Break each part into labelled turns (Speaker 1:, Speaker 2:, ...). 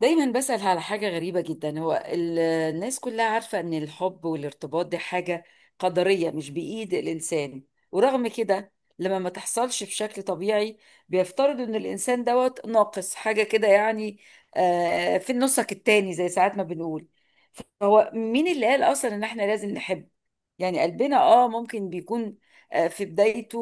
Speaker 1: دايما بسأل على حاجة غريبة جدا. هو الناس كلها عارفة ان الحب والارتباط دي حاجة قدرية مش بإيد الإنسان، ورغم كده لما ما تحصلش بشكل طبيعي بيفترضوا ان الإنسان دوت ناقص حاجة كده يعني. في النصك التاني زي ساعات ما بنقول. فهو مين اللي قال أصلا ان احنا لازم نحب؟ يعني قلبنا ممكن بيكون في بدايته،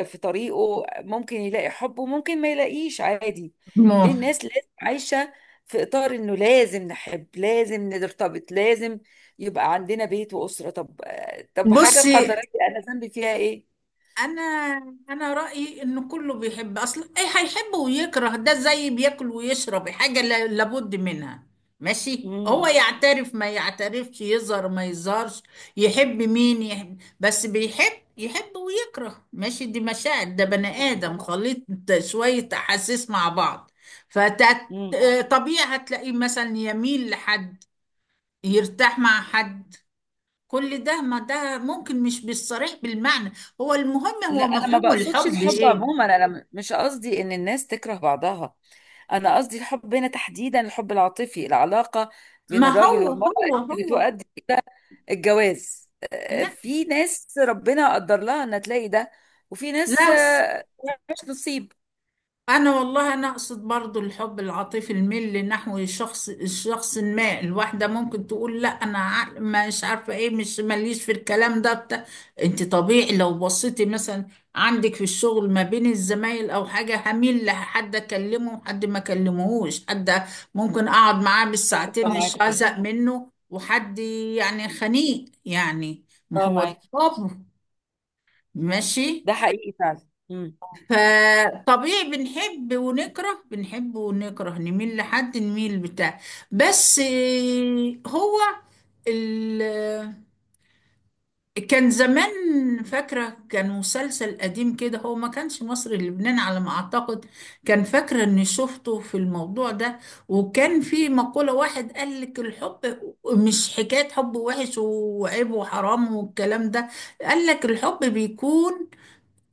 Speaker 1: في طريقه ممكن يلاقي حب وممكن ما يلاقيش عادي. ليه
Speaker 2: ما
Speaker 1: الناس لازم عايشة في إطار إنه لازم نحب، لازم نرتبط، لازم يبقى عندنا بيت وأسرة؟ طب، حاجة
Speaker 2: بصي
Speaker 1: قدرية، أنا ذنبي فيها إيه؟
Speaker 2: انا انا رايي ان كله بيحب اصلا، ايه هيحب ويكره، ده زي بياكل ويشرب، حاجه لابد منها. ماشي، هو
Speaker 1: مم.
Speaker 2: يعترف ما يعترفش، يظهر ما يظهرش، يحب مين يحب، بس بيحب، يحب ويكره. ماشي، دي مشاعر، ده بني ادم خليط شويه احاسيس مع بعض.
Speaker 1: مم.
Speaker 2: فطبيعي هتلاقيه مثلا يميل لحد، يرتاح مع حد، كل ده، ما ده ممكن مش بالصريح بالمعنى. هو المهم
Speaker 1: لا،
Speaker 2: هو
Speaker 1: أنا ما
Speaker 2: مفهوم
Speaker 1: بقصدش
Speaker 2: الحب
Speaker 1: الحب
Speaker 2: ايه.
Speaker 1: عموما، أنا مش قصدي إن الناس تكره بعضها. أنا قصدي الحب هنا تحديدا، الحب العاطفي، العلاقة بين
Speaker 2: ما
Speaker 1: الراجل
Speaker 2: هو
Speaker 1: والمرأة
Speaker 2: هو
Speaker 1: اللي
Speaker 2: هو
Speaker 1: بتؤدي إلى الجواز.
Speaker 2: لا،
Speaker 1: في ناس ربنا قدر لها إن تلاقي ده، وفي ناس
Speaker 2: لا.
Speaker 1: مش نصيب.
Speaker 2: انا والله انا اقصد برضو الحب العاطفي، الميل نحو الشخص ما. الواحده ممكن تقول لا، مش عارفه ايه، مش ماليش في الكلام ده بتاع. انت طبيعي لو بصيتي مثلا عندك في الشغل ما بين الزمايل او حاجه، هميل لحد اكلمه وحد ما اكلمهوش، حد ممكن اقعد معاه بالساعتين
Speaker 1: متفقة
Speaker 2: صح، مش
Speaker 1: معاك طبعا.
Speaker 2: هزهق منه، وحد يعني خنيق يعني. ما
Speaker 1: اه،
Speaker 2: هو ده
Speaker 1: معاك.
Speaker 2: الحب. ماشي.
Speaker 1: ده حقيقي فعلا. مم.
Speaker 2: فطبيعي بنحب ونكره، بنحب ونكره، نميل لحد، نميل بتاع. بس هو ال... كان زمان، فاكرة كان مسلسل قديم كده، هو ما كانش مصري، لبنان على ما أعتقد، كان فاكرة إني شفته في الموضوع ده، وكان في مقولة، واحد قال لك الحب مش حكاية حب وحش وعيب وحرام والكلام ده. قال لك الحب بيكون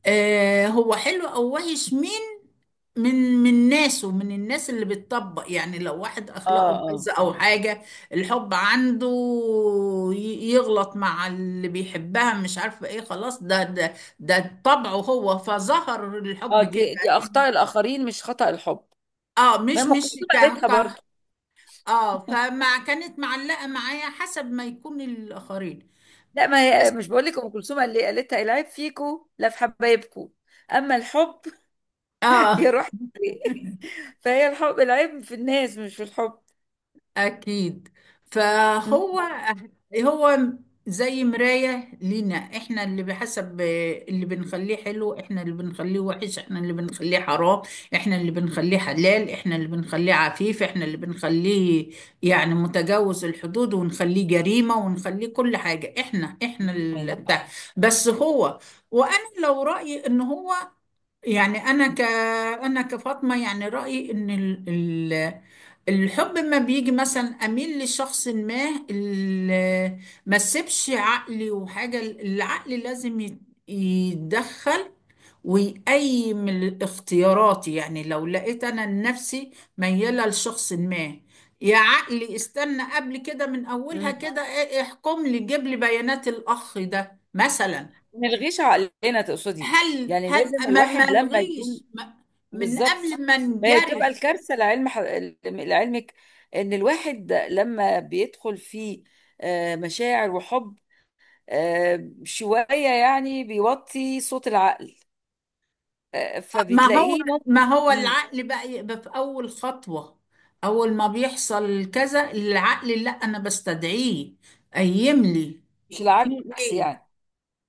Speaker 2: آه، هو حلو أو وحش من من ناسه، من الناس اللي بتطبق. يعني لو واحد
Speaker 1: اه،
Speaker 2: اخلاقه
Speaker 1: اه،
Speaker 2: بايظه او حاجه، الحب عنده يغلط مع اللي بيحبها، مش عارفه ايه، خلاص، ده طبعه هو، فظهر
Speaker 1: اه،
Speaker 2: الحب كده.
Speaker 1: دي اخطاء الاخرين، مش خطأ الحب.
Speaker 2: اه،
Speaker 1: ما
Speaker 2: مش
Speaker 1: ام
Speaker 2: مش
Speaker 1: كلثوم
Speaker 2: ك
Speaker 1: قالتها
Speaker 2: ك
Speaker 1: برضه.
Speaker 2: اه، فما كانت معلقه معايا حسب ما يكون الاخرين،
Speaker 1: لا، ما هي
Speaker 2: بس.
Speaker 1: مش بقول لك؟ ام كلثوم اللي قالتها: العيب فيكو لا في حبايبكو، اما الحب
Speaker 2: اه.
Speaker 1: يروح ليه. فهي الحب، العيب في الناس مش في الحب.
Speaker 2: أكيد.
Speaker 1: مم.
Speaker 2: فهو هو زي مراية لينا، احنا اللي بحسب اللي بنخليه حلو، احنا اللي بنخليه وحش، احنا اللي بنخليه حرام، احنا اللي بنخليه حلال، احنا اللي بنخليه عفيف، احنا اللي بنخليه يعني متجاوز الحدود، ونخليه جريمة، ونخليه كل حاجة، احنا اللي بتاع. بس هو، وانا لو رأيي ان هو، يعني انا كفاطمة، يعني رأيي ان الحب ما بيجي مثلا اميل لشخص ما اللي ما سيبش عقلي وحاجه، العقل لازم يتدخل ويقيم الاختيارات. يعني لو لقيت انا نفسي مياله لشخص ما، يا عقلي استنى قبل كده من اولها
Speaker 1: مم.
Speaker 2: كده، احكم لي، جيب لي بيانات الاخ ده مثلا.
Speaker 1: نلغيش عقلنا تقصدي؟
Speaker 2: هل
Speaker 1: يعني
Speaker 2: هل
Speaker 1: لازم
Speaker 2: ما
Speaker 1: الواحد لما يكون.
Speaker 2: الغيش من
Speaker 1: بالظبط.
Speaker 2: قبل ما
Speaker 1: ما هي تبقى
Speaker 2: نجرف.
Speaker 1: الكارثة لعلمك، ان الواحد لما بيدخل في مشاعر وحب شوية، يعني بيوطي صوت العقل،
Speaker 2: ما هو
Speaker 1: فبتلاقيه
Speaker 2: ما
Speaker 1: ممكن.
Speaker 2: هو
Speaker 1: مم،
Speaker 2: العقل بقى يبقى في أول خطوة. أول ما بيحصل كذا العقل، لا أنا بستدعيه، قيم لي
Speaker 1: مش
Speaker 2: في
Speaker 1: العكس
Speaker 2: إيه.
Speaker 1: يعني؟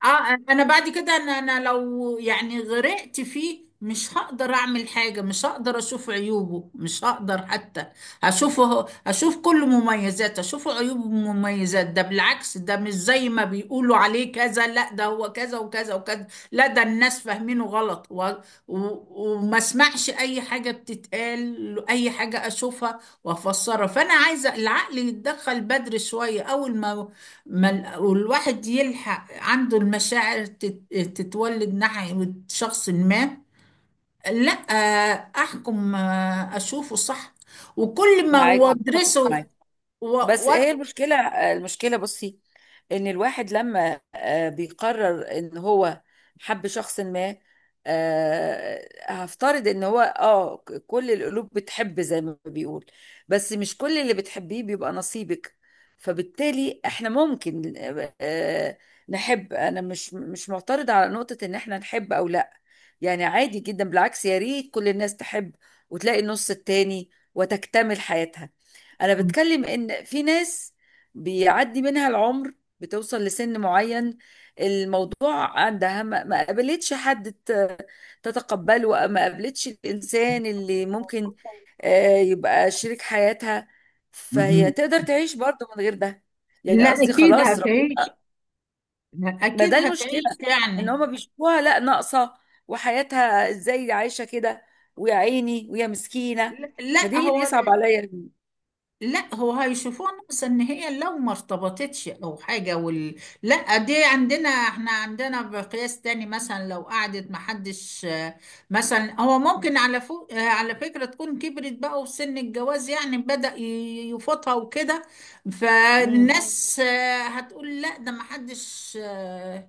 Speaker 2: اه، انا بعد كده، انا لو يعني غرقت فيه، مش هقدر اعمل حاجة، مش هقدر اشوف عيوبه، مش هقدر حتى اشوفه، اشوف كل مميزاته، اشوف عيوبه ومميزات، ده بالعكس ده مش زي ما بيقولوا عليه كذا، لا ده هو كذا وكذا وكذا، لا ده الناس فاهمينه غلط، و... وما اسمعش اي حاجة بتتقال، اي حاجة اشوفها وافسرها. فانا عايزة العقل يتدخل بدري شوية، اول ما والواحد يلحق عنده، المشاعر تتولد ناحية شخص ما، لا أحكم، أشوفه صح وكل ما
Speaker 1: معاكي، متفق
Speaker 2: وأدرسه
Speaker 1: معاكي.
Speaker 2: و...
Speaker 1: بس
Speaker 2: و...
Speaker 1: هي المشكلة، بصي، ان الواحد لما بيقرر ان هو حب شخص ما، هفترض ان هو كل القلوب بتحب زي ما بيقول، بس مش كل اللي بتحبيه بيبقى نصيبك. فبالتالي احنا ممكن آه، نحب. انا مش معترضة على نقطة ان احنا نحب او لا، يعني عادي جدا، بالعكس يا ريت كل الناس تحب وتلاقي النص التاني وتكتمل حياتها. انا بتكلم ان في ناس بيعدي منها العمر، بتوصل لسن معين، الموضوع عندها ما قابلتش حد تتقبله، ما قابلتش الانسان اللي ممكن يبقى شريك حياتها، فهي
Speaker 2: مهم.
Speaker 1: تقدر تعيش برضه من غير ده. يعني
Speaker 2: لا،
Speaker 1: قصدي
Speaker 2: أكيد
Speaker 1: خلاص
Speaker 2: هتعيش،
Speaker 1: ربنا. ما
Speaker 2: أكيد
Speaker 1: ده المشكلة،
Speaker 2: هتعيش
Speaker 1: ان
Speaker 2: يعني.
Speaker 1: هما بيشوفوها لا ناقصة، وحياتها ازاي عايشة كده، ويا عيني ويا مسكينة.
Speaker 2: لا، لا
Speaker 1: فدي اللي
Speaker 2: هو،
Speaker 1: بيصعب عليا.
Speaker 2: لا هو هيشوفوها ناقصة ان هي لو ما ارتبطتش او حاجة لا دي عندنا، احنا عندنا بقياس تاني مثلا، لو قعدت ما حدش، مثلا هو ممكن على فوق، على فكرة تكون كبرت بقى وفي سن الجواز يعني، بدأ يفوتها وكده، فالناس هتقول لا، ده ما حدش، آه،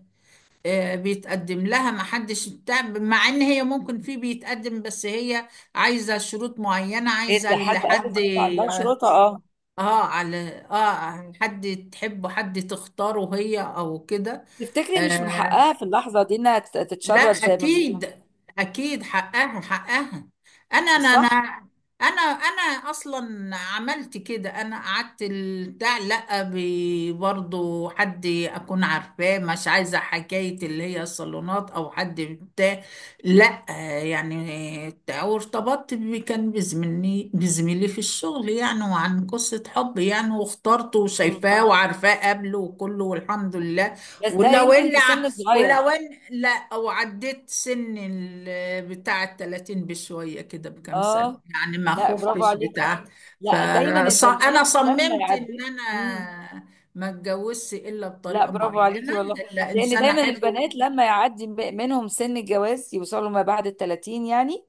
Speaker 2: آه، بيتقدم لها، ما حدش بتاع، مع ان هي ممكن في بيتقدم، بس هي عايزة شروط معينة،
Speaker 1: هي
Speaker 2: عايزة
Speaker 1: لحد، اه
Speaker 2: لحد.
Speaker 1: بالظبط، عندها شروطة، اه.
Speaker 2: اه على اه عن حد تحبه، حد تختاره هي او كده.
Speaker 1: تفتكري مش من
Speaker 2: آه،
Speaker 1: حقها في اللحظة دي انها
Speaker 2: لا
Speaker 1: تتشرط زي ما بيقولوا؟
Speaker 2: اكيد، اكيد حقها، حقها. انا انا انا
Speaker 1: صح؟
Speaker 2: انا اصلا عملت كده، انا قعدت بتاع، لا برضو حد اكون عارفاه، مش عايزه حكايه اللي هي الصالونات او حد بتاع، لا يعني وارتبطت كان بزميلي في الشغل يعني، وعن قصه حب يعني، واخترته
Speaker 1: مم.
Speaker 2: وشايفاه وعارفاه قبله وكله، والحمد لله.
Speaker 1: بس ده
Speaker 2: ولو
Speaker 1: يمكن
Speaker 2: اللي
Speaker 1: في
Speaker 2: ع-
Speaker 1: سن صغير.
Speaker 2: ولو ان لا، او عديت سن بتاع الـ30 بشوية كده بكام سنة
Speaker 1: اه.
Speaker 2: يعني، ما
Speaker 1: لا، برافو
Speaker 2: خفتش
Speaker 1: عليكي.
Speaker 2: بتاع.
Speaker 1: لا، دايما
Speaker 2: فانا
Speaker 1: البنات لما
Speaker 2: صممت ان
Speaker 1: يعدي. مم.
Speaker 2: انا ما اتجوزش الا
Speaker 1: لا،
Speaker 2: بطريقة
Speaker 1: برافو
Speaker 2: معينة،
Speaker 1: عليكي والله.
Speaker 2: الا
Speaker 1: لان
Speaker 2: انسان
Speaker 1: دايما
Speaker 2: احبه.
Speaker 1: البنات لما يعدي منهم سن الجواز، يوصلوا ما بعد ال 30 يعني،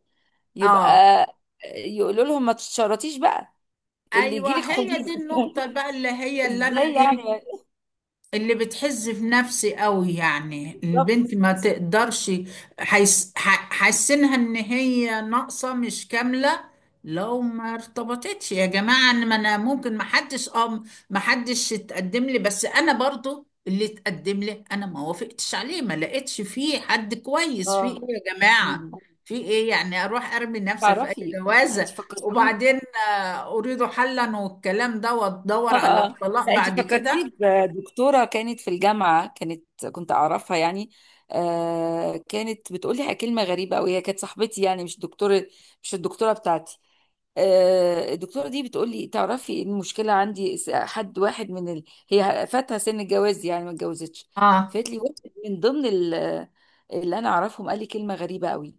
Speaker 1: يبقى
Speaker 2: اه،
Speaker 1: يقولوا لهم: ما تتشرطيش بقى، اللي
Speaker 2: ايوه
Speaker 1: يجيلك
Speaker 2: هي
Speaker 1: خديه.
Speaker 2: دي النقطة بقى اللي هي اللي انا
Speaker 1: ازاي يعني؟
Speaker 2: ايه، اللي بتحز في نفسي قوي، يعني البنت
Speaker 1: بالظبط.
Speaker 2: ما تقدرش حاسينها ان هي ناقصة مش كاملة لو ما ارتبطتش. يا جماعة، ان ما، انا ممكن ما حدش اتقدم لي، بس انا برضو اللي اتقدم لي انا ما وافقتش عليه، ما لقيتش فيه حد كويس، في ايه
Speaker 1: اه.
Speaker 2: يا
Speaker 1: مم.
Speaker 2: جماعة، في ايه يعني اروح ارمي نفسي في اي
Speaker 1: تعرفي، انت
Speaker 2: جوازة،
Speaker 1: فكرتي.
Speaker 2: وبعدين اريد حلا والكلام ده،
Speaker 1: اه،
Speaker 2: وادور على
Speaker 1: اه، آه.
Speaker 2: الطلاق
Speaker 1: لا، انت
Speaker 2: بعد كده.
Speaker 1: فكرتيني بدكتوره كانت في الجامعه، كنت اعرفها يعني. كانت بتقول لي كلمه غريبه قوي، هي كانت صاحبتي يعني، مش دكتوره، مش الدكتوره بتاعتي. الدكتوره دي بتقول لي: تعرفي إيه المشكله عندي؟ حد واحد من ال... هي فاتها سن الجواز يعني، ما اتجوزتش.
Speaker 2: اه،
Speaker 1: فقالت لي واحد من ضمن ال... اللي انا اعرفهم قال لي كلمه غريبه قوي: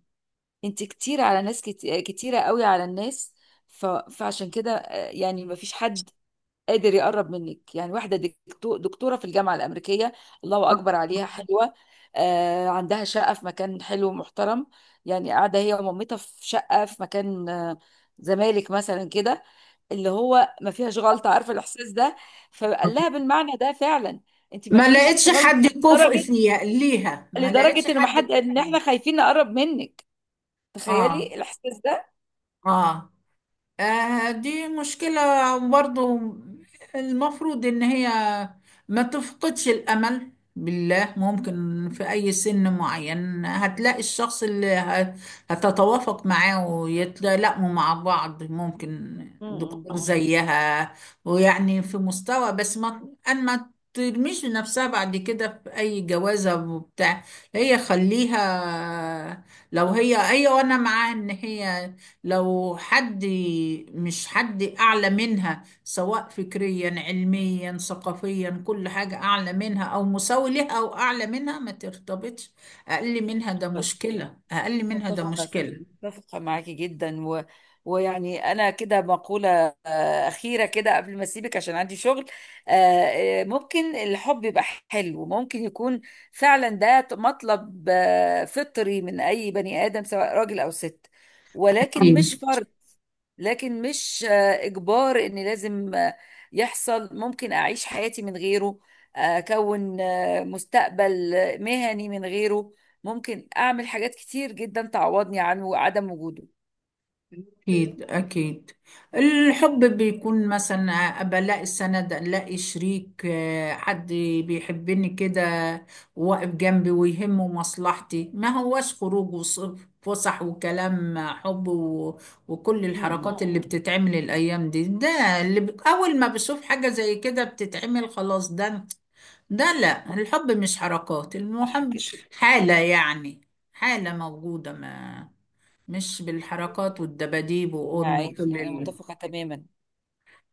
Speaker 1: انت كتير على ناس، كتيرة قوي على الناس. فعشان كده يعني ما فيش حد قادر يقرب منك. يعني واحدة دكتورة في الجامعة الأمريكية، الله أكبر عليها حلوة. عندها شقة في مكان حلو ومحترم، يعني قاعدة هي ومامتها في شقة في مكان زمالك مثلا كده، اللي هو ما فيهاش غلطة. عارفة الإحساس ده؟ فقال لها بالمعنى ده فعلا: انت ما
Speaker 2: ما
Speaker 1: فيكيش
Speaker 2: لقيتش
Speaker 1: غلطة،
Speaker 2: حد كفء
Speaker 1: لدرجة،
Speaker 2: فيها، ليها ما لقيتش
Speaker 1: ان ما
Speaker 2: حد
Speaker 1: حد
Speaker 2: كفء
Speaker 1: ان
Speaker 2: فيها.
Speaker 1: احنا خايفين نقرب منك.
Speaker 2: اه،
Speaker 1: تخيلي الإحساس ده.
Speaker 2: اه، دي مشكلة برضو. المفروض إن هي ما تفقدش الأمل، بالله ممكن في أي سن معين هتلاقي الشخص اللي هتتوافق معاه ويتلائموا مع بعض، ممكن
Speaker 1: امم
Speaker 2: دكتور زيها، ويعني في مستوى، بس ما أن ما ترميش نفسها بعد كده في أي جوازة وبتاع. هي خليها، لو هي هي وأنا معاها، إن هي لو حد، مش حد أعلى منها، سواء فكريا علميا ثقافيا كل حاجة أعلى منها أو مساوي لها، أو أعلى منها ما ترتبطش. أقل منها ده مشكلة، أقل منها، ده صح مشكلة.
Speaker 1: متفقة معاكي جدا، ويعني أنا كده مقولة أخيرة كده قبل ما أسيبك عشان عندي شغل. ممكن الحب يبقى حلو، ممكن يكون فعلا ده مطلب فطري من أي بني آدم، سواء راجل أو ست. ولكن مش فرض، لكن مش إجبار إن لازم يحصل. ممكن أعيش حياتي من غيره، أكون مستقبل مهني من غيره. ممكن أعمل حاجات كتير جدا تعوضني عنه وعدم وجوده.
Speaker 2: أكيد، أكيد. الحب بيكون مثلا أبقى ألاقي سند، ألاقي شريك، حد بيحبني كده، واقف جنبي ويهمه مصلحتي، ما هواش خروج وفسح وكلام حب وكل الحركات
Speaker 1: مم.
Speaker 2: اللي بتتعمل الأيام دي، ده أول ما بشوف حاجة زي كده بتتعمل خلاص، ده، ده لا، الحب مش حركات،
Speaker 1: صح
Speaker 2: المهم
Speaker 1: كده.
Speaker 2: حالة يعني، حالة موجودة ما، مش بالحركات والدباديب وام
Speaker 1: معاكي،
Speaker 2: كل
Speaker 1: أنا متفقة تماما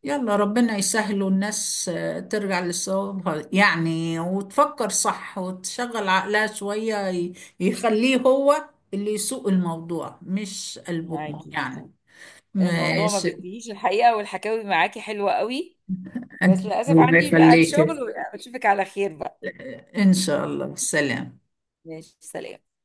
Speaker 2: يلا ربنا يسهل، والناس ترجع لصوابها يعني، وتفكر صح وتشغل عقلها شوية، يخليه هو اللي يسوق الموضوع مش قلبهم
Speaker 1: معاكي.
Speaker 2: يعني.
Speaker 1: الموضوع ما
Speaker 2: ماشي.
Speaker 1: بينتهيش الحقيقة، والحكاوي معاكي حلوة قوي. بس للأسف
Speaker 2: الله
Speaker 1: عندي بعد
Speaker 2: يخليك.
Speaker 1: شغل، وأشوفك على خير بقى.
Speaker 2: إن شاء الله، سلام.
Speaker 1: ماشي، سلام.